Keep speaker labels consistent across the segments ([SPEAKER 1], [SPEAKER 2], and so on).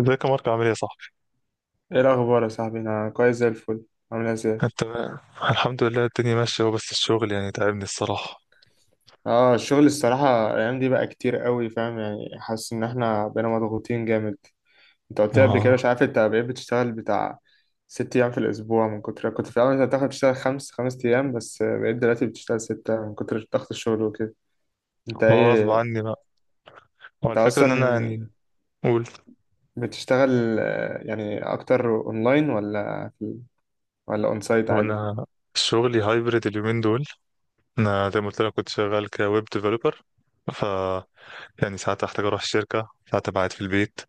[SPEAKER 1] ازيك يا مارك، عامل ايه يا صاحبي؟
[SPEAKER 2] ايه الاخبار يا صاحبي، انا كويس زي الفل. عامل ازاي؟
[SPEAKER 1] انت؟ الحمد لله، الدنيا ماشيه، وبس الشغل يعني تعبني الصراحه.
[SPEAKER 2] اه، الشغل الصراحه الايام دي بقى كتير قوي، فاهم يعني، حاسس ان احنا بقينا مضغوطين جامد. انت قلت لي قبل كده،
[SPEAKER 1] ما
[SPEAKER 2] مش عارف، انت بقيت بتشتغل بتاع 6 ايام في الاسبوع من كتر، كنت في الاول انت بتاخد تشتغل خمس ايام بس بقيت دلوقتي بتشتغل سته من كتر ضغط الشغل وكده. انت
[SPEAKER 1] ما هو غصب
[SPEAKER 2] ايه؟
[SPEAKER 1] عني بقى. هو
[SPEAKER 2] انت
[SPEAKER 1] الفكره ان انا يعني.
[SPEAKER 2] اصلا
[SPEAKER 1] قول.
[SPEAKER 2] بتشتغل يعني اكتر اونلاين ولا في، ولا اون سايت
[SPEAKER 1] هو
[SPEAKER 2] عادي؟
[SPEAKER 1] انا شغلي هايبرد اليومين دول. انا زي ما قلت لك كنت شغال كويب ديفلوبر، ف يعني ساعات احتاج اروح الشركه، ساعات أبقى قاعد في البيت،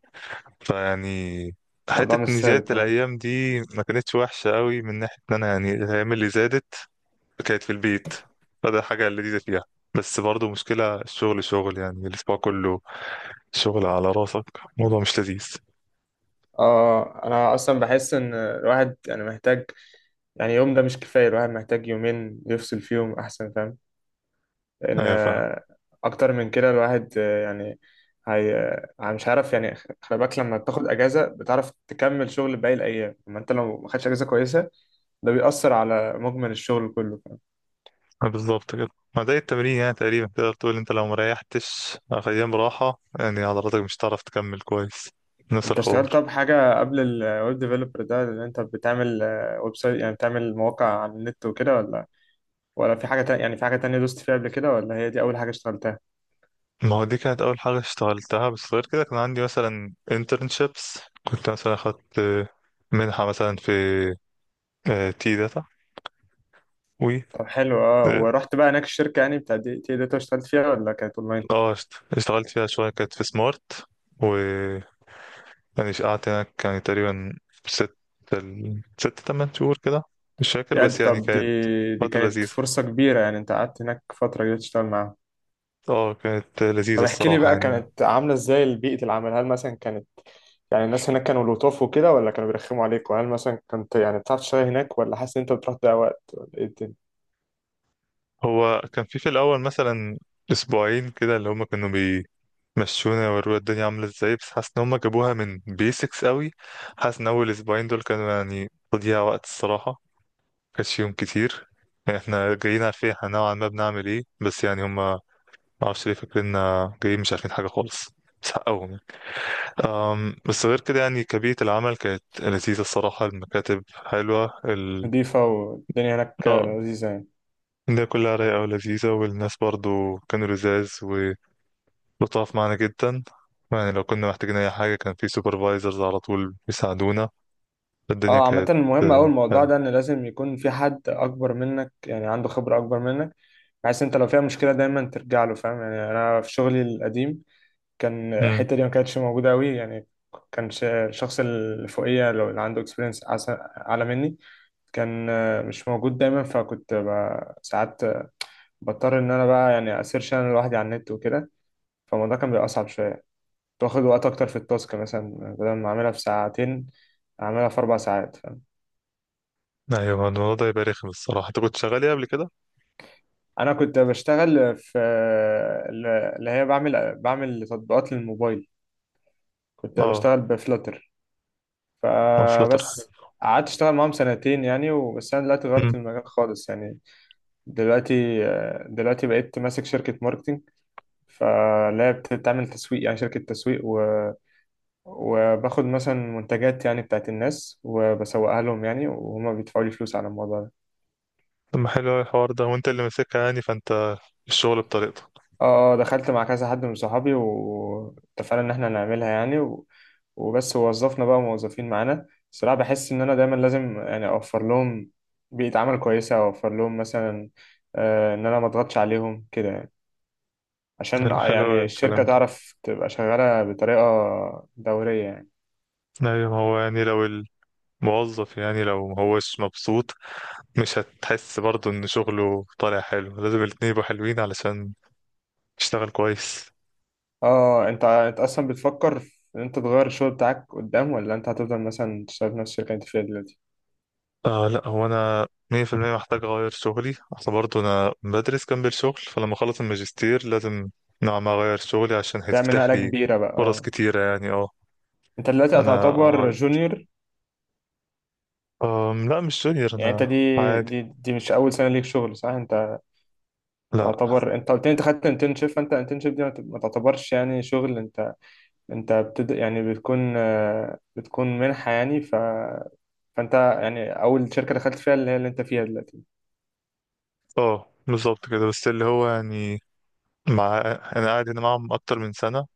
[SPEAKER 1] فيعني
[SPEAKER 2] الموضوع مش
[SPEAKER 1] حته ان زياده
[SPEAKER 2] ثابت، اه.
[SPEAKER 1] الايام دي ما كانتش وحشه قوي من ناحيه ان انا يعني الايام اللي زادت كانت في البيت، فده حاجه لذيذه فيها. بس برضه مشكلة الشغل شغل يعني الأسبوع كله، شغل على راسك موضوع مش لذيذ.
[SPEAKER 2] اه، انا اصلا بحس ان الواحد يعني محتاج، يعني يوم ده مش كفاية، الواحد محتاج يومين يفصل فيهم أحسن، فاهم؟ لأن
[SPEAKER 1] ايوه، فاهم.
[SPEAKER 2] أكتر من كده الواحد يعني، هي مش عارف يعني، خلي بالك لما بتاخد أجازة بتعرف تكمل شغل باقي الأيام، أما أنت لو ما خدتش أجازة كويسة ده بيأثر على مجمل الشغل كله، فاهم؟
[SPEAKER 1] بالظبط كده. ما ده التمرين، يعني تقريبا تقدر تقول انت لو مريحتش ايام راحة، يعني عضلاتك مش هتعرف تكمل كويس. نفس
[SPEAKER 2] أنت اشتغلت
[SPEAKER 1] الحوار.
[SPEAKER 2] طب حاجة قبل الويب ديفلوبر ده اللي أنت بتعمل؟ ويب سايت يعني بتعمل مواقع على النت وكده، ولا، ولا في حاجة تانية؟ يعني في حاجة تانية دوست فيها قبل كده، ولا هي دي أول حاجة اشتغلتها؟
[SPEAKER 1] ما هو دي كانت اول حاجة اشتغلتها، بس غير كده كان عندي مثلا internships. كنت مثلا اخدت منحة مثلا في تي داتا و...
[SPEAKER 2] طب حلو، اه،
[SPEAKER 1] اه،
[SPEAKER 2] ورحت بقى هناك الشركة يعني بتاع دي تي داتا، اشتغلت فيها ولا كانت اونلاين؟
[SPEAKER 1] اشتغلت فيها شوية، كانت في سمارت، يعني شقعت هناك يعني تقريبا ست ست تمن شهور كده، مش فاكر،
[SPEAKER 2] يعني
[SPEAKER 1] بس يعني
[SPEAKER 2] طب دي
[SPEAKER 1] كانت
[SPEAKER 2] دي
[SPEAKER 1] فترة
[SPEAKER 2] كانت
[SPEAKER 1] لذيذة.
[SPEAKER 2] فرصة كبيرة يعني، انت قعدت هناك فترة كده تشتغل معاهم.
[SPEAKER 1] اه، كانت لذيذة
[SPEAKER 2] طب احكي لي
[SPEAKER 1] الصراحة
[SPEAKER 2] بقى،
[SPEAKER 1] يعني.
[SPEAKER 2] كانت عاملة ازاي بيئة العمل؟ هل مثلا كانت يعني الناس هناك كانوا لطاف وكده، ولا كانوا بيرخموا عليك؟ وهل مثلا كنت يعني بتعرف تشتغل هناك، ولا حاسس ان انت بتروح تضيع وقت، ولا ايه الدنيا؟
[SPEAKER 1] هو كان في الأول مثلا أسبوعين كده، اللي هما كانوا بيمشونا ويوروا الدنيا عاملة ازاي، بس حاسس إن هما جابوها من بيسكس قوي. حاسس إن أول أسبوعين دول كانوا يعني تضييع وقت الصراحة. مكانش يوم كتير، يعني احنا جايين عارفين احنا نوعا ما بنعمل ايه، بس يعني هما معرفش ليه فاكريننا جايين مش عارفين حاجة خالص. بس حقهم يعني. بس غير كده يعني كبيئة العمل كانت لذيذة الصراحة، المكاتب حلوة، ال...
[SPEAKER 2] نضيفة والدنيا هناك
[SPEAKER 1] اه،
[SPEAKER 2] لذيذة يعني.
[SPEAKER 1] الدنيا كلها رايقة ولذيذة، والناس برضو كانوا لذاذ ولطاف معانا جدا. يعني لو كنا محتاجين أي حاجة كان في سوبرفايزرز على طول بيساعدونا. الدنيا
[SPEAKER 2] اه، عامة
[SPEAKER 1] كانت
[SPEAKER 2] المهم أوي الموضوع ده،
[SPEAKER 1] حلوة.
[SPEAKER 2] إن لازم يكون في حد أكبر منك يعني، عنده خبرة أكبر منك، بحيث أنت لو فيها مشكلة دايما ترجع له، فاهم يعني؟ أنا في شغلي القديم كان
[SPEAKER 1] أمم،
[SPEAKER 2] الحتة دي ما كانتش موجودة أوي يعني. كان الشخص اللي فوقيا، لو اللي عنده اكسبيرينس أعلى مني، كان مش موجود دايما، فكنت ساعات بضطر إن أنا بقى يعني أسيرش أنا لوحدي على النت وكده، فالموضوع كان بيبقى أصعب شوية. كنت واخد وقت أكتر في التاسك، مثلا بدل ما أعملها في ساعتين أعملها في 4 ساعات.
[SPEAKER 1] أيوة، الموضوع ده يبقى رخم الصراحة. أنت كنت شغال إيه قبل كده؟
[SPEAKER 2] انا كنت بشتغل في، اللي هي بعمل تطبيقات للموبايل، كنت
[SPEAKER 1] اه.
[SPEAKER 2] بشتغل بفلاتر،
[SPEAKER 1] اه، فلاتر حلو.
[SPEAKER 2] فبس. قعدت اشتغل معاهم سنتين يعني وبس، انا دلوقتي غيرت
[SPEAKER 1] أمم،
[SPEAKER 2] المجال خالص يعني. دلوقتي دلوقتي بقيت ماسك شركة ماركتينج، فاللي هي بتعمل تسويق يعني شركة تسويق، و، وباخد مثلا منتجات يعني بتاعت الناس وبسوقها لهم يعني، وهما بيدفعوا لي فلوس على الموضوع ده.
[SPEAKER 1] طب ما حلو أوي الحوار ده، وأنت اللي ماسكها يعني، فأنت الشغل بطريقتك.
[SPEAKER 2] اه، دخلت مع كذا حد من صحابي واتفقنا ان احنا نعملها يعني، و، وبس وظفنا بقى موظفين معانا. الصراحة بحس ان انا دايما لازم يعني اوفر لهم بيئة عمل كويسة، اوفر لهم مثلا آه ان انا ما اضغطش عليهم كده يعني، عشان
[SPEAKER 1] حلو، حلو أوي
[SPEAKER 2] يعني الشركة
[SPEAKER 1] الكلام ده.
[SPEAKER 2] تعرف تبقى شغالة بطريقة دورية يعني.
[SPEAKER 1] أيوة، هو يعني لو موظف، يعني لو مهوش مبسوط مش هتحس برضه ان شغله طالع حلو، لازم الاتنين يبقوا حلوين علشان تشتغل كويس.
[SPEAKER 2] اه، انت اصلا بتفكر في ان انت تغير الشغل بتاعك قدام، ولا انت هتفضل مثلا تشتغل في نفس الشركة اللي انت فيها دلوقتي؟
[SPEAKER 1] لا، هو انا 100% محتاج اغير شغلي، اصل برضه انا بدرس جنب الشغل، فلما اخلص الماجستير لازم نوعا ما اغير شغلي عشان
[SPEAKER 2] تعمل
[SPEAKER 1] هيتفتح
[SPEAKER 2] نقلة
[SPEAKER 1] لي
[SPEAKER 2] كبيرة بقى،
[SPEAKER 1] فرص
[SPEAKER 2] اه.
[SPEAKER 1] كتيرة يعني. اه،
[SPEAKER 2] انت دلوقتي
[SPEAKER 1] انا.
[SPEAKER 2] هتعتبر جونيور؟
[SPEAKER 1] لا، مش جونيور،
[SPEAKER 2] يعني انت
[SPEAKER 1] انا
[SPEAKER 2] دي
[SPEAKER 1] عادي.
[SPEAKER 2] دي دي مش اول سنه ليك شغل، صح؟ انت
[SPEAKER 1] لا.
[SPEAKER 2] تعتبر، انت قلت لي انت خدت انترنشيب، فانت انترنشيب دي ما تعتبرش يعني شغل. انت يعني بتكون بتكون منحه يعني، ف، فانت يعني اول شركه دخلت فيها اللي هي اللي انت فيها دلوقتي.
[SPEAKER 1] اه، بالظبط كده، بس اللي هو يعني. مع انا قاعد هنا معاهم اكتر من سنة،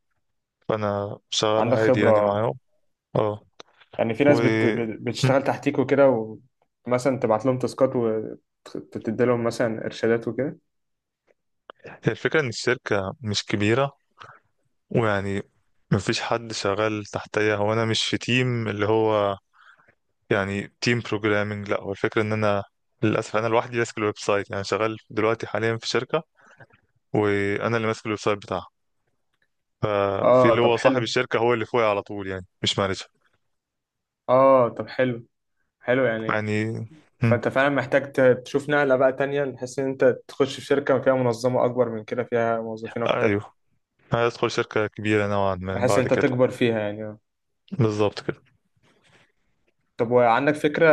[SPEAKER 1] فانا شغال
[SPEAKER 2] عندك
[SPEAKER 1] عادي يعني
[SPEAKER 2] خبره
[SPEAKER 1] معاهم. اه.
[SPEAKER 2] يعني. في
[SPEAKER 1] و
[SPEAKER 2] ناس
[SPEAKER 1] م.
[SPEAKER 2] بتشتغل تحتيك وكده، ومثلا تبعت لهم تاسكات، وتدي لهم مثلا ارشادات وكده.
[SPEAKER 1] هي الفكرة ان الشركة مش كبيرة، ويعني مفيش حد شغال تحتيا، هو انا مش في تيم اللي هو يعني تيم بروجرامنج، لا هو الفكرة ان انا للاسف انا لوحدي ماسك الويب سايت، يعني شغال دلوقتي حاليا في شركة، وانا اللي ماسك الويب سايت بتاعها، في
[SPEAKER 2] اه
[SPEAKER 1] اللي هو
[SPEAKER 2] طب
[SPEAKER 1] صاحب
[SPEAKER 2] حلو.
[SPEAKER 1] الشركة هو اللي فوقي على طول، يعني مش مانجر.
[SPEAKER 2] اه طب حلو، حلو يعني.
[SPEAKER 1] يعني. م.
[SPEAKER 2] فانت فعلا محتاج تشوف نقله بقى تانية، بحيث ان انت تخش في شركه فيها منظمه اكبر من كده، فيها موظفين اكتر،
[SPEAKER 1] ايوه، هيدخل شركة كبيرة نوعا ما
[SPEAKER 2] بحيث ان
[SPEAKER 1] بعد
[SPEAKER 2] انت
[SPEAKER 1] كده.
[SPEAKER 2] تكبر فيها يعني، آه.
[SPEAKER 1] بالظبط كده.
[SPEAKER 2] طب وعندك فكره،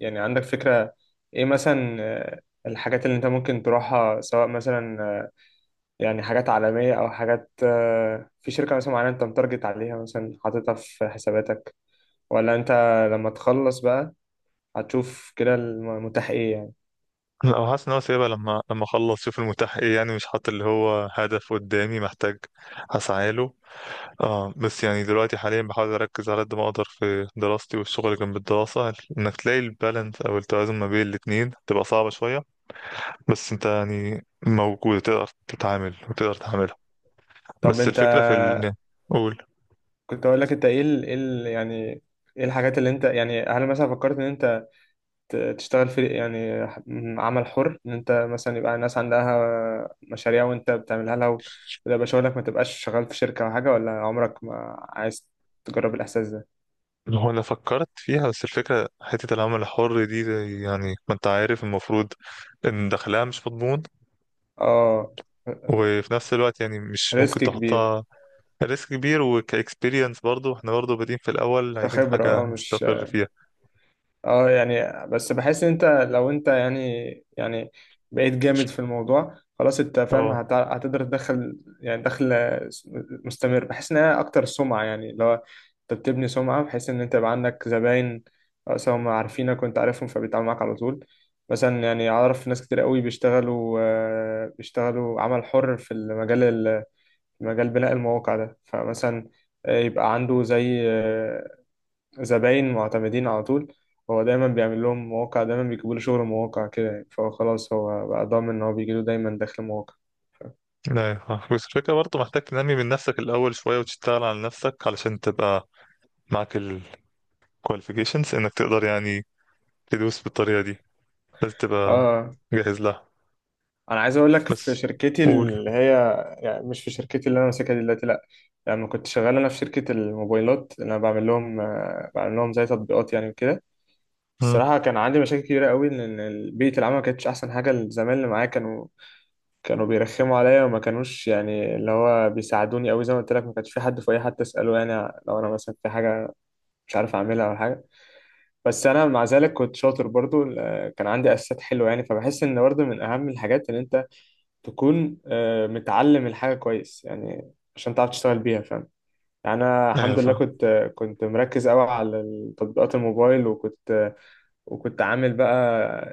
[SPEAKER 2] يعني عندك فكره، ايه مثلا الحاجات اللي انت ممكن تروحها؟ سواء مثلا يعني حاجات عالميه او حاجات في شركه مثلا معينه انت متارجت عليها مثلا حاططها في حساباتك، ولا انت لما تخلص بقى هتشوف كده المتاح ايه يعني؟
[SPEAKER 1] لا، هو حاسس ان هو سايبها، لما اخلص شوف المتاح ايه يعني، مش حاطط اللي هو هدف قدامي محتاج اسعى له. اه، بس يعني دلوقتي حاليا بحاول اركز على قد ما اقدر في دراستي، والشغل جنب الدراسة انك تلاقي البالانس او التوازن ما بين الاتنين تبقى صعبة شوية، بس انت يعني موجود تقدر تتعامل وتقدر تعملها.
[SPEAKER 2] طب
[SPEAKER 1] بس
[SPEAKER 2] انت،
[SPEAKER 1] الفكرة في ال قول.
[SPEAKER 2] كنت اقول لك انت ايه ال، إيه ال، يعني ايه الحاجات اللي انت يعني، هل مثلا فكرت ان انت تشتغل في يعني عمل حر؟ ان انت مثلا يبقى الناس عندها مشاريع وانت بتعملها لها وده شغلك، ما تبقاش شغال في شركة او حاجة، ولا عمرك ما عايز تجرب الاحساس ده؟
[SPEAKER 1] هو انا فكرت فيها، بس الفكرة حتة العمل الحر دي يعني ما انت عارف المفروض ان دخلها مش مضمون،
[SPEAKER 2] اه،
[SPEAKER 1] وفي نفس الوقت يعني مش ممكن
[SPEAKER 2] ريسك كبير.
[SPEAKER 1] تحطها، ريسك كبير وكاكسبيرينس، برضو احنا برضو بادئين في الاول عايزين
[SPEAKER 2] كخبرة،
[SPEAKER 1] حاجه
[SPEAKER 2] اه، مش،
[SPEAKER 1] نستقر فيها.
[SPEAKER 2] اه يعني، بس بحس ان انت لو انت يعني، يعني بقيت جامد في الموضوع خلاص انت فاهم،
[SPEAKER 1] اه.
[SPEAKER 2] هتقدر تدخل يعني دخل مستمر. بحس انها اكتر سمعة يعني، لو انت بتبني سمعة بحيث ان انت يبقى عندك زباين، سواء هم عارفينك وانت عارفهم فبيتعاملوا معاك على طول. مثلا يعني اعرف ناس كتير قوي بيشتغلوا، بيشتغلوا عمل حر في مجال بناء المواقع ده، فمثلا يبقى عنده زي زباين معتمدين على طول، هو دايما بيعمل لهم مواقع، دايما بيجيبوا له شغل مواقع كده يعني، فهو خلاص هو بقى ضامن ان هو بيجي له دايما دخل مواقع.
[SPEAKER 1] لا ينفع. بس الفكره برضو محتاج تنمي من نفسك الاول شويه، وتشتغل على نفسك علشان تبقى معاك الكواليفيكيشنز انك تقدر يعني تدوس بالطريقه دي، لازم
[SPEAKER 2] اه،
[SPEAKER 1] تبقى
[SPEAKER 2] آه.
[SPEAKER 1] جاهز لها.
[SPEAKER 2] انا عايز اقول لك في
[SPEAKER 1] بس.
[SPEAKER 2] شركتي
[SPEAKER 1] قول.
[SPEAKER 2] اللي هي، يعني مش في شركتي اللي انا ماسكها دلوقتي لا، يعني لما كنت شغال انا في شركة الموبايلات اللي انا بعمل لهم، بعمل لهم زي تطبيقات يعني وكده،
[SPEAKER 1] مم.
[SPEAKER 2] الصراحة كان عندي مشاكل كبيرة قوي، لأن بيئة العمل ما كانتش أحسن حاجة، الزمايل اللي معايا كانوا، كانوا بيرخموا عليا وما كانوش يعني اللي هو بيساعدوني قوي، زي ما قلت لك ما كانش في حد، في اي حد اساله يعني لو انا مثلا في حاجه مش عارف اعملها او حاجه. بس انا مع ذلك كنت شاطر برضو، كان عندي اساسات حلوه يعني، فبحس ان برضو من اهم الحاجات ان انت تكون متعلم الحاجه كويس يعني عشان تعرف تشتغل بيها، فاهم يعني؟ انا
[SPEAKER 1] ايوه،
[SPEAKER 2] الحمد لله
[SPEAKER 1] فاهم.
[SPEAKER 2] كنت، كنت مركز قوي على تطبيقات الموبايل، وكنت وكنت عامل بقى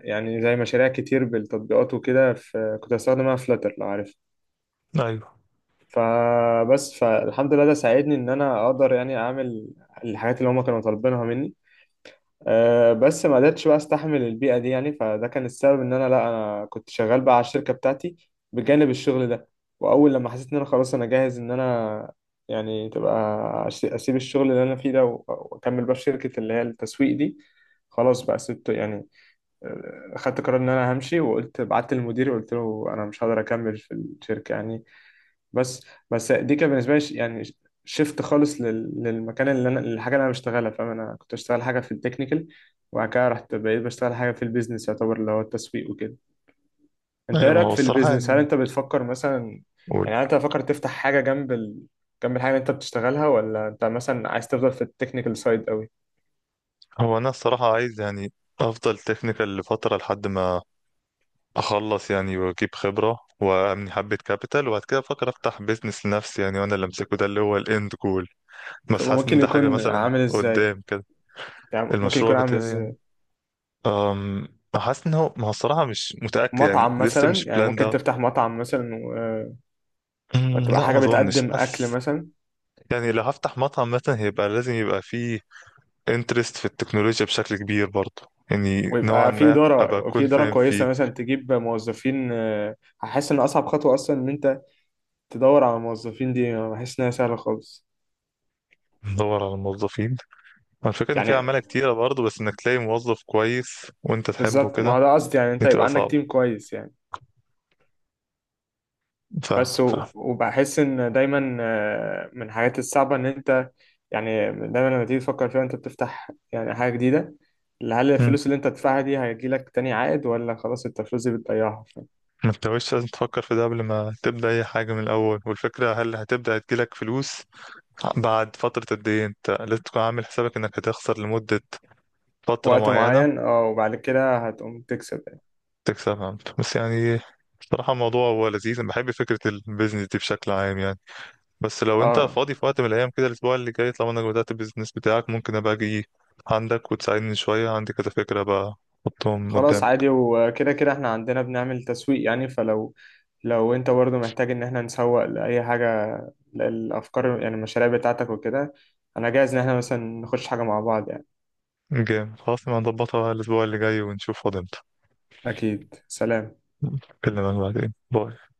[SPEAKER 2] يعني زي مشاريع كتير بالتطبيقات وكده، في كنت بستخدمها فلاتر لو عارف،
[SPEAKER 1] ايوه.
[SPEAKER 2] فبس، فالحمد لله ده ساعدني ان انا اقدر يعني اعمل الحاجات اللي هما كانوا طالبينها مني. أه بس ما قدرتش بقى استحمل البيئة دي يعني، فده كان السبب ان انا، لا، انا كنت شغال بقى على الشركة بتاعتي بجانب الشغل ده، واول لما حسيت ان انا خلاص انا جاهز ان انا يعني تبقى، اسيب الشغل اللي انا فيه ده واكمل بقى في شركة اللي هي التسويق دي، خلاص بقى سبت يعني، خدت قرار ان انا همشي، وقلت، بعت للمدير وقلت له انا مش هقدر اكمل في الشركة يعني. بس، بس دي كان بالنسبه لي يعني شفت خالص للمكان اللي انا، للحاجه اللي انا بشتغلها، فاهم؟ انا كنت بشتغل حاجه في التكنيكال، وبعد كده رحت بقيت بشتغل حاجه في البيزنس يعتبر اللي هو التسويق وكده. انت ايه
[SPEAKER 1] ايوه، ما
[SPEAKER 2] رايك
[SPEAKER 1] هو
[SPEAKER 2] في
[SPEAKER 1] الصراحه
[SPEAKER 2] البيزنس؟ هل
[SPEAKER 1] يعني.
[SPEAKER 2] انت بتفكر مثلا
[SPEAKER 1] قول.
[SPEAKER 2] يعني انت بتفكر تفتح حاجه جنب ال، جنب الحاجه اللي انت بتشتغلها، ولا انت مثلا عايز تفضل في التكنيكال سايد قوي؟
[SPEAKER 1] هو انا الصراحه عايز يعني افضل تكنيكال لفتره لحد ما اخلص يعني، واجيب خبرة وابني حبة كابيتال، وبعد كده افكر افتح بيزنس لنفسي يعني، وانا اللي امسكه، ده اللي هو الاند جول،
[SPEAKER 2] طب
[SPEAKER 1] بس حاسس ان
[SPEAKER 2] وممكن
[SPEAKER 1] ده حاجة
[SPEAKER 2] يكون
[SPEAKER 1] مثلا
[SPEAKER 2] عامل ازاي؟
[SPEAKER 1] قدام كده.
[SPEAKER 2] يعني ممكن
[SPEAKER 1] المشروع
[SPEAKER 2] يكون عامل
[SPEAKER 1] بتاعي يعني.
[SPEAKER 2] ازاي؟
[SPEAKER 1] أم حاسس ان هو، ما هو الصراحة مش متأكد يعني،
[SPEAKER 2] مطعم
[SPEAKER 1] لسه
[SPEAKER 2] مثلا
[SPEAKER 1] مش
[SPEAKER 2] يعني،
[SPEAKER 1] بلان
[SPEAKER 2] ممكن
[SPEAKER 1] ده.
[SPEAKER 2] تفتح مطعم مثلا و، وتبقى
[SPEAKER 1] لا، ما
[SPEAKER 2] حاجه
[SPEAKER 1] اظنش.
[SPEAKER 2] بتقدم اكل
[SPEAKER 1] حاسس
[SPEAKER 2] مثلا،
[SPEAKER 1] يعني لو هفتح مطعم مثلا هيبقى لازم يبقى فيه انترست في التكنولوجيا بشكل كبير برضه، يعني نوعا
[SPEAKER 2] ويبقى في
[SPEAKER 1] ما ابقى
[SPEAKER 2] إدارة، في
[SPEAKER 1] اكون
[SPEAKER 2] إدارة
[SPEAKER 1] فاهم
[SPEAKER 2] كويسة،
[SPEAKER 1] فيه.
[SPEAKER 2] مثلا تجيب موظفين، هحس إن أصعب خطوة أصلا إن أنت تدور على الموظفين دي، أنا بحس إنها سهلة خالص
[SPEAKER 1] ادور على موظفين. هو الفكرة إن في
[SPEAKER 2] يعني.
[SPEAKER 1] عمالة كتيرة برضه، بس إنك تلاقي موظف كويس وأنت تحبه
[SPEAKER 2] بالظبط ما
[SPEAKER 1] كده
[SPEAKER 2] هو ده قصدي يعني، أنت
[SPEAKER 1] دي
[SPEAKER 2] يبقى
[SPEAKER 1] تبقى
[SPEAKER 2] عندك
[SPEAKER 1] صعبة.
[SPEAKER 2] تيم كويس يعني. بس
[SPEAKER 1] فاهمك، فاهم.
[SPEAKER 2] وبحس إن دايما، من الحاجات الصعبة إن أنت يعني دايما لما تيجي تفكر فيها أنت بتفتح يعني حاجة جديدة، هل
[SPEAKER 1] مم.
[SPEAKER 2] الفلوس اللي أنت هتدفعها دي هيجيلك تاني عائد، ولا خلاص أنت الفلوس دي بتضيعها في
[SPEAKER 1] ما انتش لازم تفكر في ده قبل ما تبدأ أي حاجة من الأول، والفكرة هل هتبدأ تجيلك فلوس بعد فترة قد إيه؟ أنت لازم تكون عامل حسابك إنك هتخسر لمدة فترة
[SPEAKER 2] وقت
[SPEAKER 1] معينة،
[SPEAKER 2] معين، أه وبعد كده هتقوم تكسب يعني.
[SPEAKER 1] تكسبها أنت. بس يعني بصراحة الموضوع هو لذيذ، أنا بحب فكرة البيزنس دي بشكل عام يعني. بس لو انت
[SPEAKER 2] اه،
[SPEAKER 1] فاضي في وقت من الايام كده الاسبوع اللي جاي، طالما انك بدأت البيزنس بتاعك، ممكن ابقى اجي عندك وتساعدني شوية، عندي كذا فكرة بقى احطهم
[SPEAKER 2] خلاص
[SPEAKER 1] قدام.
[SPEAKER 2] عادي، وكده كده احنا عندنا بنعمل تسويق يعني، فلو، لو انت برضو محتاج ان احنا نسوق لأي حاجة، للأفكار يعني، المشاريع بتاعتك وكده، انا جاهز ان احنا مثلا نخش حاجة مع بعض يعني.
[SPEAKER 1] جامد، خلاص نبقى نظبطها الاسبوع اللي جاي ونشوف فاضي امتى.
[SPEAKER 2] اكيد، سلام.
[SPEAKER 1] اكلمك بعدين، باي.